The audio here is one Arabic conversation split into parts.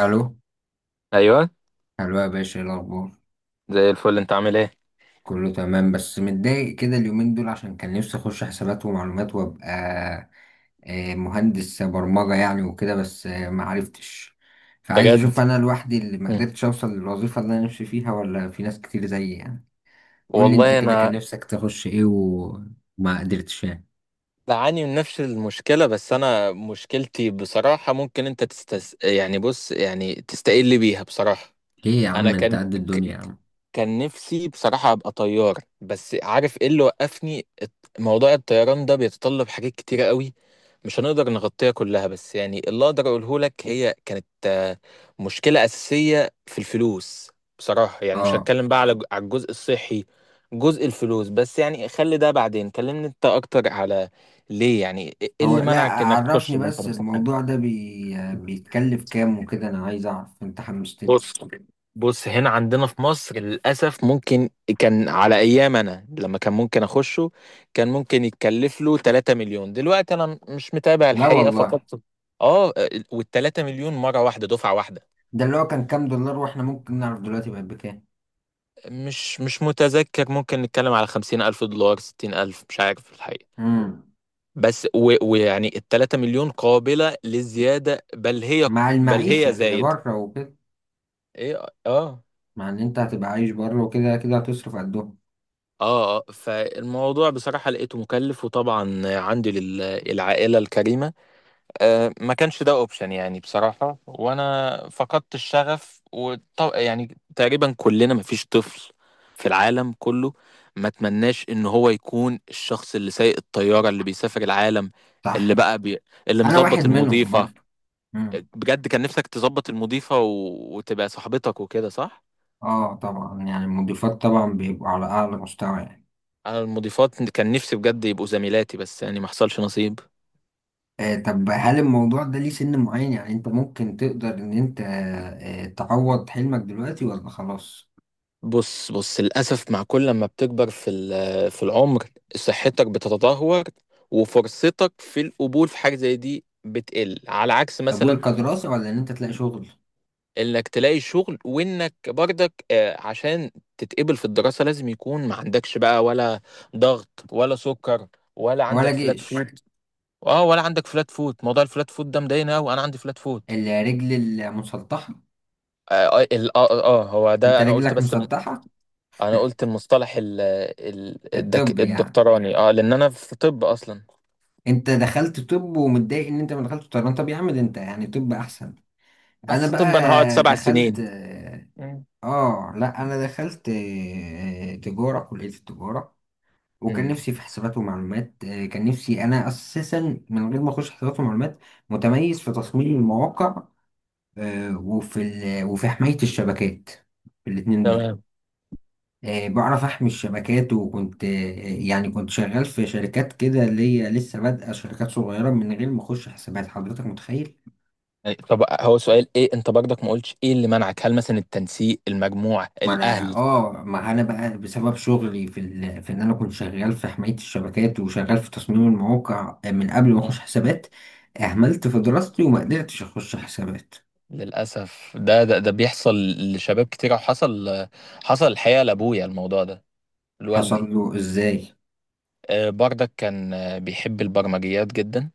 الو، ايوه، الو يا باشا، ايه الاخبار؟ زي الفل، انت عامل ايه؟ كله تمام، بس متضايق كده اليومين دول عشان كان نفسي اخش حسابات ومعلومات وابقى مهندس برمجة يعني وكده، بس ما عرفتش، فعايز بجد. اشوف انا لوحدي اللي ما مم. قدرتش اوصل للوظيفة اللي انا نفسي فيها، ولا في ناس كتير زيي يعني. قول لي انت، والله كده كان انا نفسك تخش ايه وما قدرتش يعني؟ بعاني من نفس المشكله، بس انا مشكلتي بصراحه، ممكن انت يعني بص، يعني تستقل بيها بصراحه. ليه يا انا عم، انت قد الدنيا يا ك... عم. كان نفسي بصراحه ابقى طيار، بس عارف ايه اللي وقفني؟ موضوع الطيران ده بيتطلب حاجات كتيره قوي، مش هنقدر نغطيها كلها، بس يعني اللي اقدر اقوله لك هي كانت مشكلة أساسية في الفلوس. بصراحة يعني مش اه، هتكلم بقى على الجزء الصحي، جزء الفلوس بس. يعني خلي ده بعدين، كلمني انت اكتر على ليه، يعني ايه هو اللي لا منعك انك تخش عرفني، اللي انت بس نفسك؟ الموضوع ده بي... آه، بيتكلف كام وكده، انا عايز اعرف، انت حمستني. بص بص، هنا عندنا في مصر للأسف ممكن، كان على أيام أنا لما كان ممكن أخشه، كان ممكن يتكلف له 3 مليون. دلوقتي أنا مش متابع لا الحقيقة والله، فقط. اه. وال 3 مليون مرة واحدة، دفعة واحدة. ده اللي هو كان كام دولار، واحنا ممكن نعرف دلوقتي بقت بكام؟ مش متذكر، ممكن نتكلم على 50 ألف دولار، 60 ألف، مش عارف الحقيقة. امم. بس ويعني ال 3 مليون قابلة للزيادة، بل هي، مع بل هي المعيشة اللي زايد. بره وكده. ايه اه. مع ان انت هتبقى عايش بره وكده كده هتصرف قدهم. اه، فالموضوع بصراحة لقيته مكلف، وطبعا عندي للعائلة الكريمة، ما كانش ده اوبشن يعني بصراحة، وانا فقدت الشغف يعني تقريبا كلنا، مفيش طفل في العالم كله ما تمناش ان هو يكون الشخص اللي سايق الطيارة، اللي بيسافر العالم، اللي صح. بقى بي... اللي انا واحد مظبط منهم المضيفة. برضه. امم. بجد كان نفسك تظبط المضيفة وتبقى صاحبتك وكده، صح؟ اه طبعا، يعني المضيفات طبعا بيبقوا على اعلى مستوى يعني. انا المضيفات كان نفسي بجد يبقوا زميلاتي، بس يعني ما حصلش نصيب. آه طب، هل الموضوع ده ليه سن معين يعني؟ انت ممكن تقدر ان انت تعوض حلمك دلوقتي، ولا خلاص؟ بص، للأسف مع كل ما بتكبر في في العمر، صحتك بتتدهور، وفرصتك في القبول في حاجة زي دي بتقل. على عكس قبول مثلا كدراسة، ولا ان انت تلاقي شغل؟ انك تلاقي شغل، وانك برضك عشان تتقبل في الدراسة لازم يكون ما عندكش بقى ولا ضغط ولا سكر، ولا ولا عندك فلات جيش. فوت. اه، ولا عندك فلات فوت، موضوع الفلات فوت ده مضايقني قوي، انا عندي فلات فوت. الرجل المسطحة. اه. هو انت ده انا قلت، رجلك بس مسطحة. انا قلت المصطلح الطب يعني، الدكتوراني، اه، لان انا في طب اصلا. انت دخلت طب ومتضايق ان انت ما دخلتش طيران؟ طب يا عم، ده انت يعني طب احسن. انا بس طب انا هقعد بقى سبع دخلت، سنين مم. اه لا، انا دخلت تجارة، كلية التجارة. وكان مم. نفسي في حسابات ومعلومات، كان نفسي انا اساسا من غير ما اخش حسابات ومعلومات، متميز في تصميم المواقع، وفي حماية الشبكات، الاتنين دول. تمام. بعرف احمي الشبكات، وكنت يعني كنت شغال في شركات كده، اللي هي لسه بادئه، شركات صغيره، من غير ما اخش حسابات. حضرتك متخيل؟ يعني طب هو سؤال، ايه انت برضك ما قلتش ايه اللي منعك؟ هل مثلا التنسيق، المجموع، ما انا الاهل؟ اه ما انا بقى بسبب شغلي في ان انا كنت شغال في حمايه الشبكات وشغال في تصميم المواقع، من قبل ما اخش آه، حسابات، اهملت في دراستي وما قدرتش اخش حسابات. للاسف ده بيحصل لشباب كتير، وحصل، حصل الحقيقه لابويا الموضوع ده، حصل لوالدي. له ازاي؟ برضك كان بيحب البرمجيات جدا،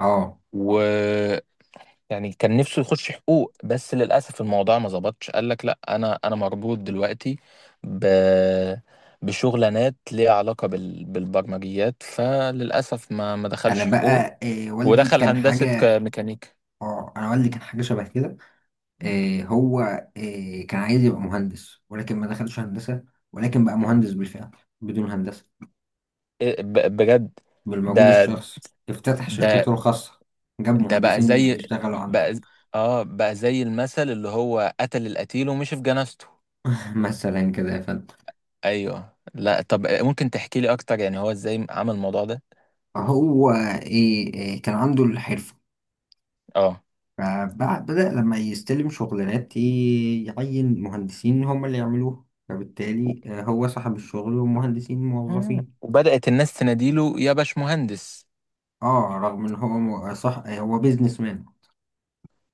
اه. يعني كان نفسه يخش حقوق، بس للأسف الموضوع ما ظبطش، قال لك لا، أنا مربوط دلوقتي ب، بشغلانات ليها علاقة بالبرمجيات، فللأسف ما انا دخلش حقوق. بقى والدي ودخل كان هندسة حاجه، ميكانيكا. اه انا والدي كان حاجه شبه كده. مم. هو كان عايز يبقى مهندس، ولكن ما دخلش هندسة، ولكن بقى مم. مهندس بالفعل بدون هندسة. إيه بجد؟ بالمجهود ده الشخصي افتتح ده شركته الخاصة، جاب ده بقى مهندسين زي، يشتغلوا عنده. بقى ز- اه، بقى زي المثل اللي هو قتل القتيل ومشي في جنازته. مثلا كده يا فندم. ايوه، لا طب ممكن تحكي لي اكتر، يعني هو ازاي عمل الموضوع ده؟ هو إيه إيه، كان عنده الحرفة، اه. فبدأ لما يستلم شغلانات، يعين مهندسين هم اللي يعملوه، فبالتالي هو صاحب الشغل، ومهندسين موظفين. وبدأت الناس تناديله يا باشمهندس. اه رغم ان هو صح، هو بيزنس مان.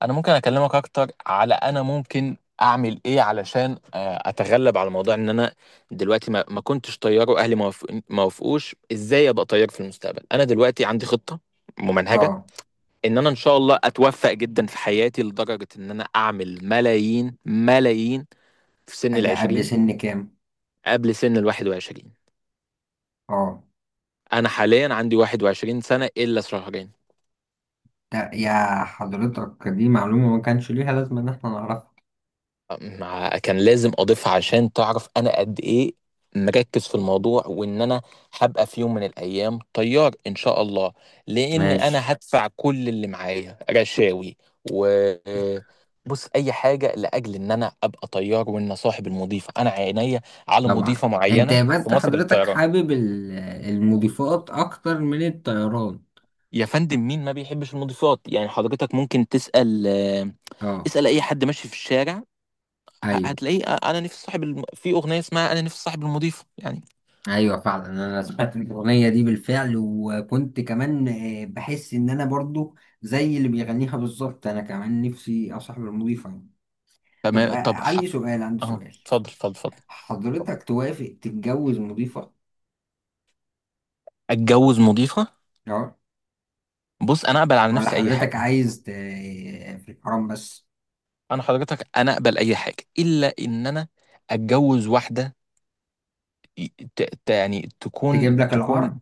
انا ممكن اكلمك اكتر على، انا ممكن اعمل ايه علشان اتغلب على موضوع ان انا دلوقتي ما كنتش طيار، واهلي ما وافقوش. ازاي ابقى طيار في المستقبل؟ انا دلوقتي عندي خطة ممنهجة اه. ان انا ان شاء الله اتوفق جدا في حياتي، لدرجة ان انا اعمل ملايين ملايين في سن ده قبل العشرين سن كام؟ قبل سن 21. اه. انا حاليا عندي 21 سنة الا شهرين. ده يا حضرتك، دي معلومة ما كانش ليها لازمة ان احنا نعرفها. مع كان لازم اضيفها عشان تعرف انا قد ايه مركز في الموضوع، وان انا هبقى في يوم من الايام طيار ان شاء الله. لان ماشي. انا هدفع كل اللي معايا رشاوي، و، بص اي حاجه لاجل ان انا ابقى طيار. وان صاحب المضيفه، انا عينيا على طبعا مضيفه انت، معينه يبقى في انت مصر حضرتك للطيران. حابب المضيفات اكتر من الطيران؟ يا فندم مين ما بيحبش المضيفات يعني؟ حضرتك ممكن تسال، اه. اسال اي حد ماشي في الشارع، ايوه. هتلاقيه انا نفسي صاحب في اغنيه اسمها انا نفسي صاحب المضيفه يعني. ايوه فعلا، انا سمعت الاغنيه دي بالفعل، وكنت كمان بحس ان انا برضو زي اللي بيغنيها بالظبط، انا كمان نفسي اصاحب المضيفه يعني. طب تمام، طب عندي سؤال، عندي اه، سؤال. اتفضل اتفضل اتفضل. حضرتك توافق تتجوز مضيفه؟ اتجوز مضيفه؟ اه. بص، انا اقبل على ولا نفسي اي حضرتك حاجه. عايز في الحرام بس؟ انا حضرتك، انا اقبل اي حاجه الا ان انا اتجوز واحده ي- يعني تكون، تجيب لك العار. تكون،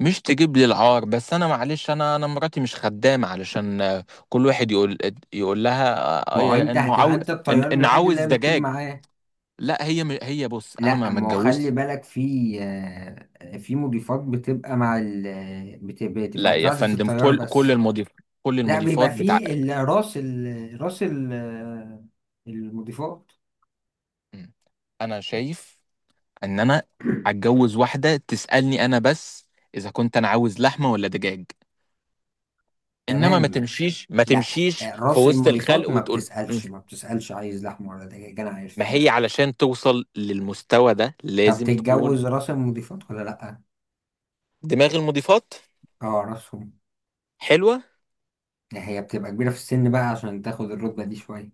مش تجيب لي العار. بس انا معلش، انا مراتي مش خدامه علشان كل واحد يقول، يقول لها ما هو انت انه هتبقى عاوز انت الطيار انه الوحيد اللي عاوز هي بتطير دجاج. معاه. لا، هي هي بص، انا ما لا، ما ما هو خلي اتجوزتش. بالك، في في مضيفات بتبقى مع بتبقى لا يا مساعدة فندم، الطيار بس. كل لا، بيبقى المضيفات في بتعقل. المضيفات. مم. انا شايف ان انا هتجوز واحده تسالني انا بس اذا كنت انا عاوز لحمه ولا دجاج، انما ما تمام. تمشيش، ما لا، تمشيش في راس وسط الخلق المضيفات ما وتقول بتسألش، ما بتسألش عايز لحمة ولا دجاج، انا عارف. ما هي علشان توصل للمستوى ده طب لازم تكون تتجوز راس المضيفات ولا لا؟ دماغ المضيفات اه راسهم. حلوه. هي بتبقى كبيرة في السن بقى عشان تاخد الرتبة دي شوية.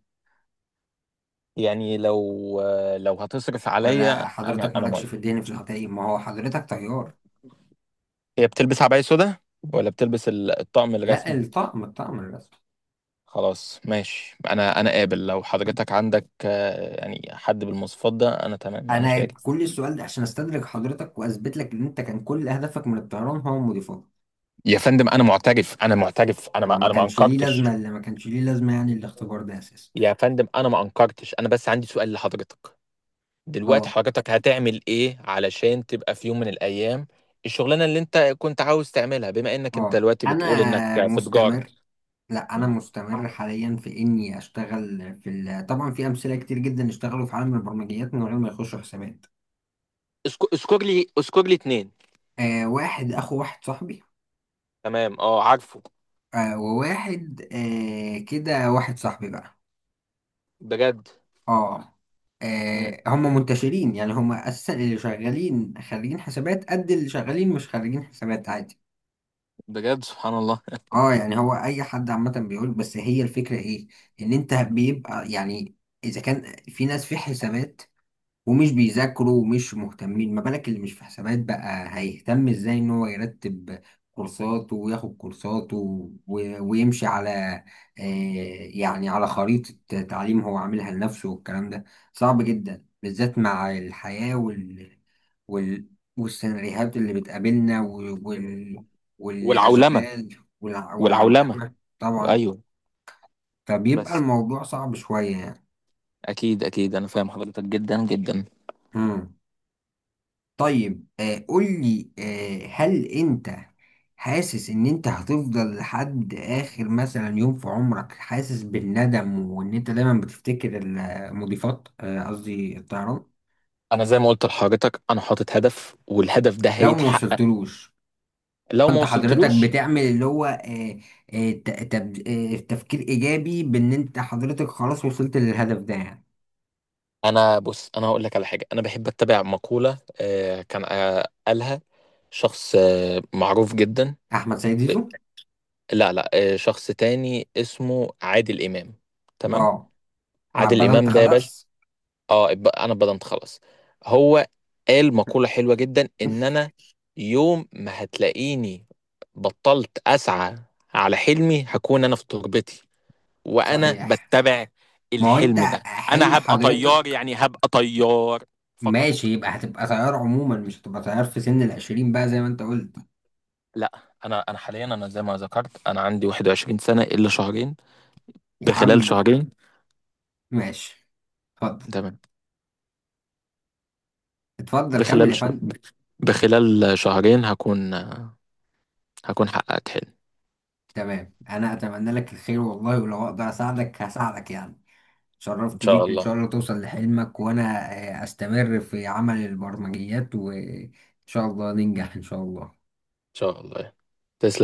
يعني لو، لو هتصرف عليا ولا انا، حضرتك انا مالكش في موافق. الدين؟ في الحقيقة ما هو حضرتك طيار. هي بتلبس عباية سودا، ولا بتلبس الطقم لا، الرسمي؟ الطقم، الطقم الرسمي. خلاص، ماشي، انا قابل. لو حضرتك عندك يعني حد بالمواصفات ده انا تمام، انا أنا شاكر. كل السؤال ده عشان أستدرك حضرتك وأثبت لك إن أنت كان كل هدفك من الطيران هو مضيفات. يا فندم، انا معترف، انا معترف، انا ما هو ما انا ما كانش ليه لازمة، انكرتش. اللي ما كانش ليه لازمة يعني الاختبار ده أساسا. يا فندم، انا ما انكرتش، انا بس عندي سؤال لحضرتك. دلوقتي أه. حضرتك هتعمل ايه علشان تبقى في يوم من الايام الشغلانه اللي انت كنت عاوز تعملها، بما انك انت أه دلوقتي بتقول انك أنا في تجاره؟ مستمر، لا أنا مم. مستمر حاليا في إني أشتغل في طبعا في أمثلة كتير جدا اشتغلوا في عالم البرمجيات من غير ما يخشوا حسابات. اذكر لي، اذكر لي اتنين. آه واحد، أخو واحد صاحبي. تمام، اه، عارفه. آه وواحد، كده، واحد صاحبي بقى. بجد. اه, مم. هم منتشرين، يعني هم اساسا اللي شغالين خريجين حسابات قد اللي شغالين مش خريجين حسابات، عادي. بجد سبحان الله. اه يعني هو اي حد عامه بيقول. بس هي الفكره ايه؟ ان انت بيبقى يعني، اذا كان في ناس في حسابات ومش بيذاكروا ومش مهتمين، ما بالك اللي مش في حسابات بقى، هيهتم ازاي ان هو يرتب كورساته وياخد كورساته ويمشي على آه، يعني على خريطة تعليم هو عاملها لنفسه، والكلام ده صعب جدا، بالذات مع الحياة وال... والسيناريوهات اللي بتقابلنا والعولمه، والأشغال والعولمة. والعولمة طبعا، ايوه فبيبقى بس. الموضوع صعب شوية يعني. اكيد اكيد، انا فاهم حضرتك جدا جدا. مم. طيب قول لي، هل انت حاسس ان انت هتفضل لحد اخر مثلا يوم في عمرك حاسس بالندم، وان انت دايما بتفتكر المضيفات، قصدي الطيران؟ انا زي ما قلت لحضرتك، انا حاطط هدف، والهدف ده لو ما هيتحقق. وصلتلوش؟ لو ما انت حضرتك وصلتلوش، بتعمل اللي هو تفكير ايجابي بان انت حضرتك خلاص وصلت للهدف ده يعني؟ انا، بص انا هقول لك على حاجة. انا بحب اتبع مقولة كان قالها شخص معروف جدا. احمد سيد زيزو؟ لا لا آه، شخص تاني اسمه عادل امام. تمام. اه انا عادل بدأت امام ده يا باشا. خلاص. اه، انا اتبضمت خلاص. هو قال مقولة حلوة جدا، ان انا يوم ما هتلاقيني بطلت اسعى على حلمي، هكون انا في تربتي. وانا صحيح. بتبع ما هو انت، الحلم ده، حلم انا هبقى طيار. حضرتك. يعني هبقى طيار فقط. ماشي، يبقى هتبقى تيار عموما، مش هتبقى تيار في سن 20 بقى زي ما انت قلت. لا، انا انا حاليا، انا زي ما ذكرت، انا عندي 21 سنة الا شهرين. يا بخلال عم. شهرين. ماشي. اتفضل. تمام. اتفضل كمل بخلال يا ش... فندم. بخلال شهرين هكون، هكون حققت حلم. تمام، انا اتمنى لك الخير والله، ولو اقدر اساعدك هساعدك يعني. ان شرفت شاء بيك، وان الله. ان شاء الله توصل لحلمك، وانا استمر في عمل البرمجيات، وان شاء الله ننجح ان شاء الله. شاء الله. تسلم.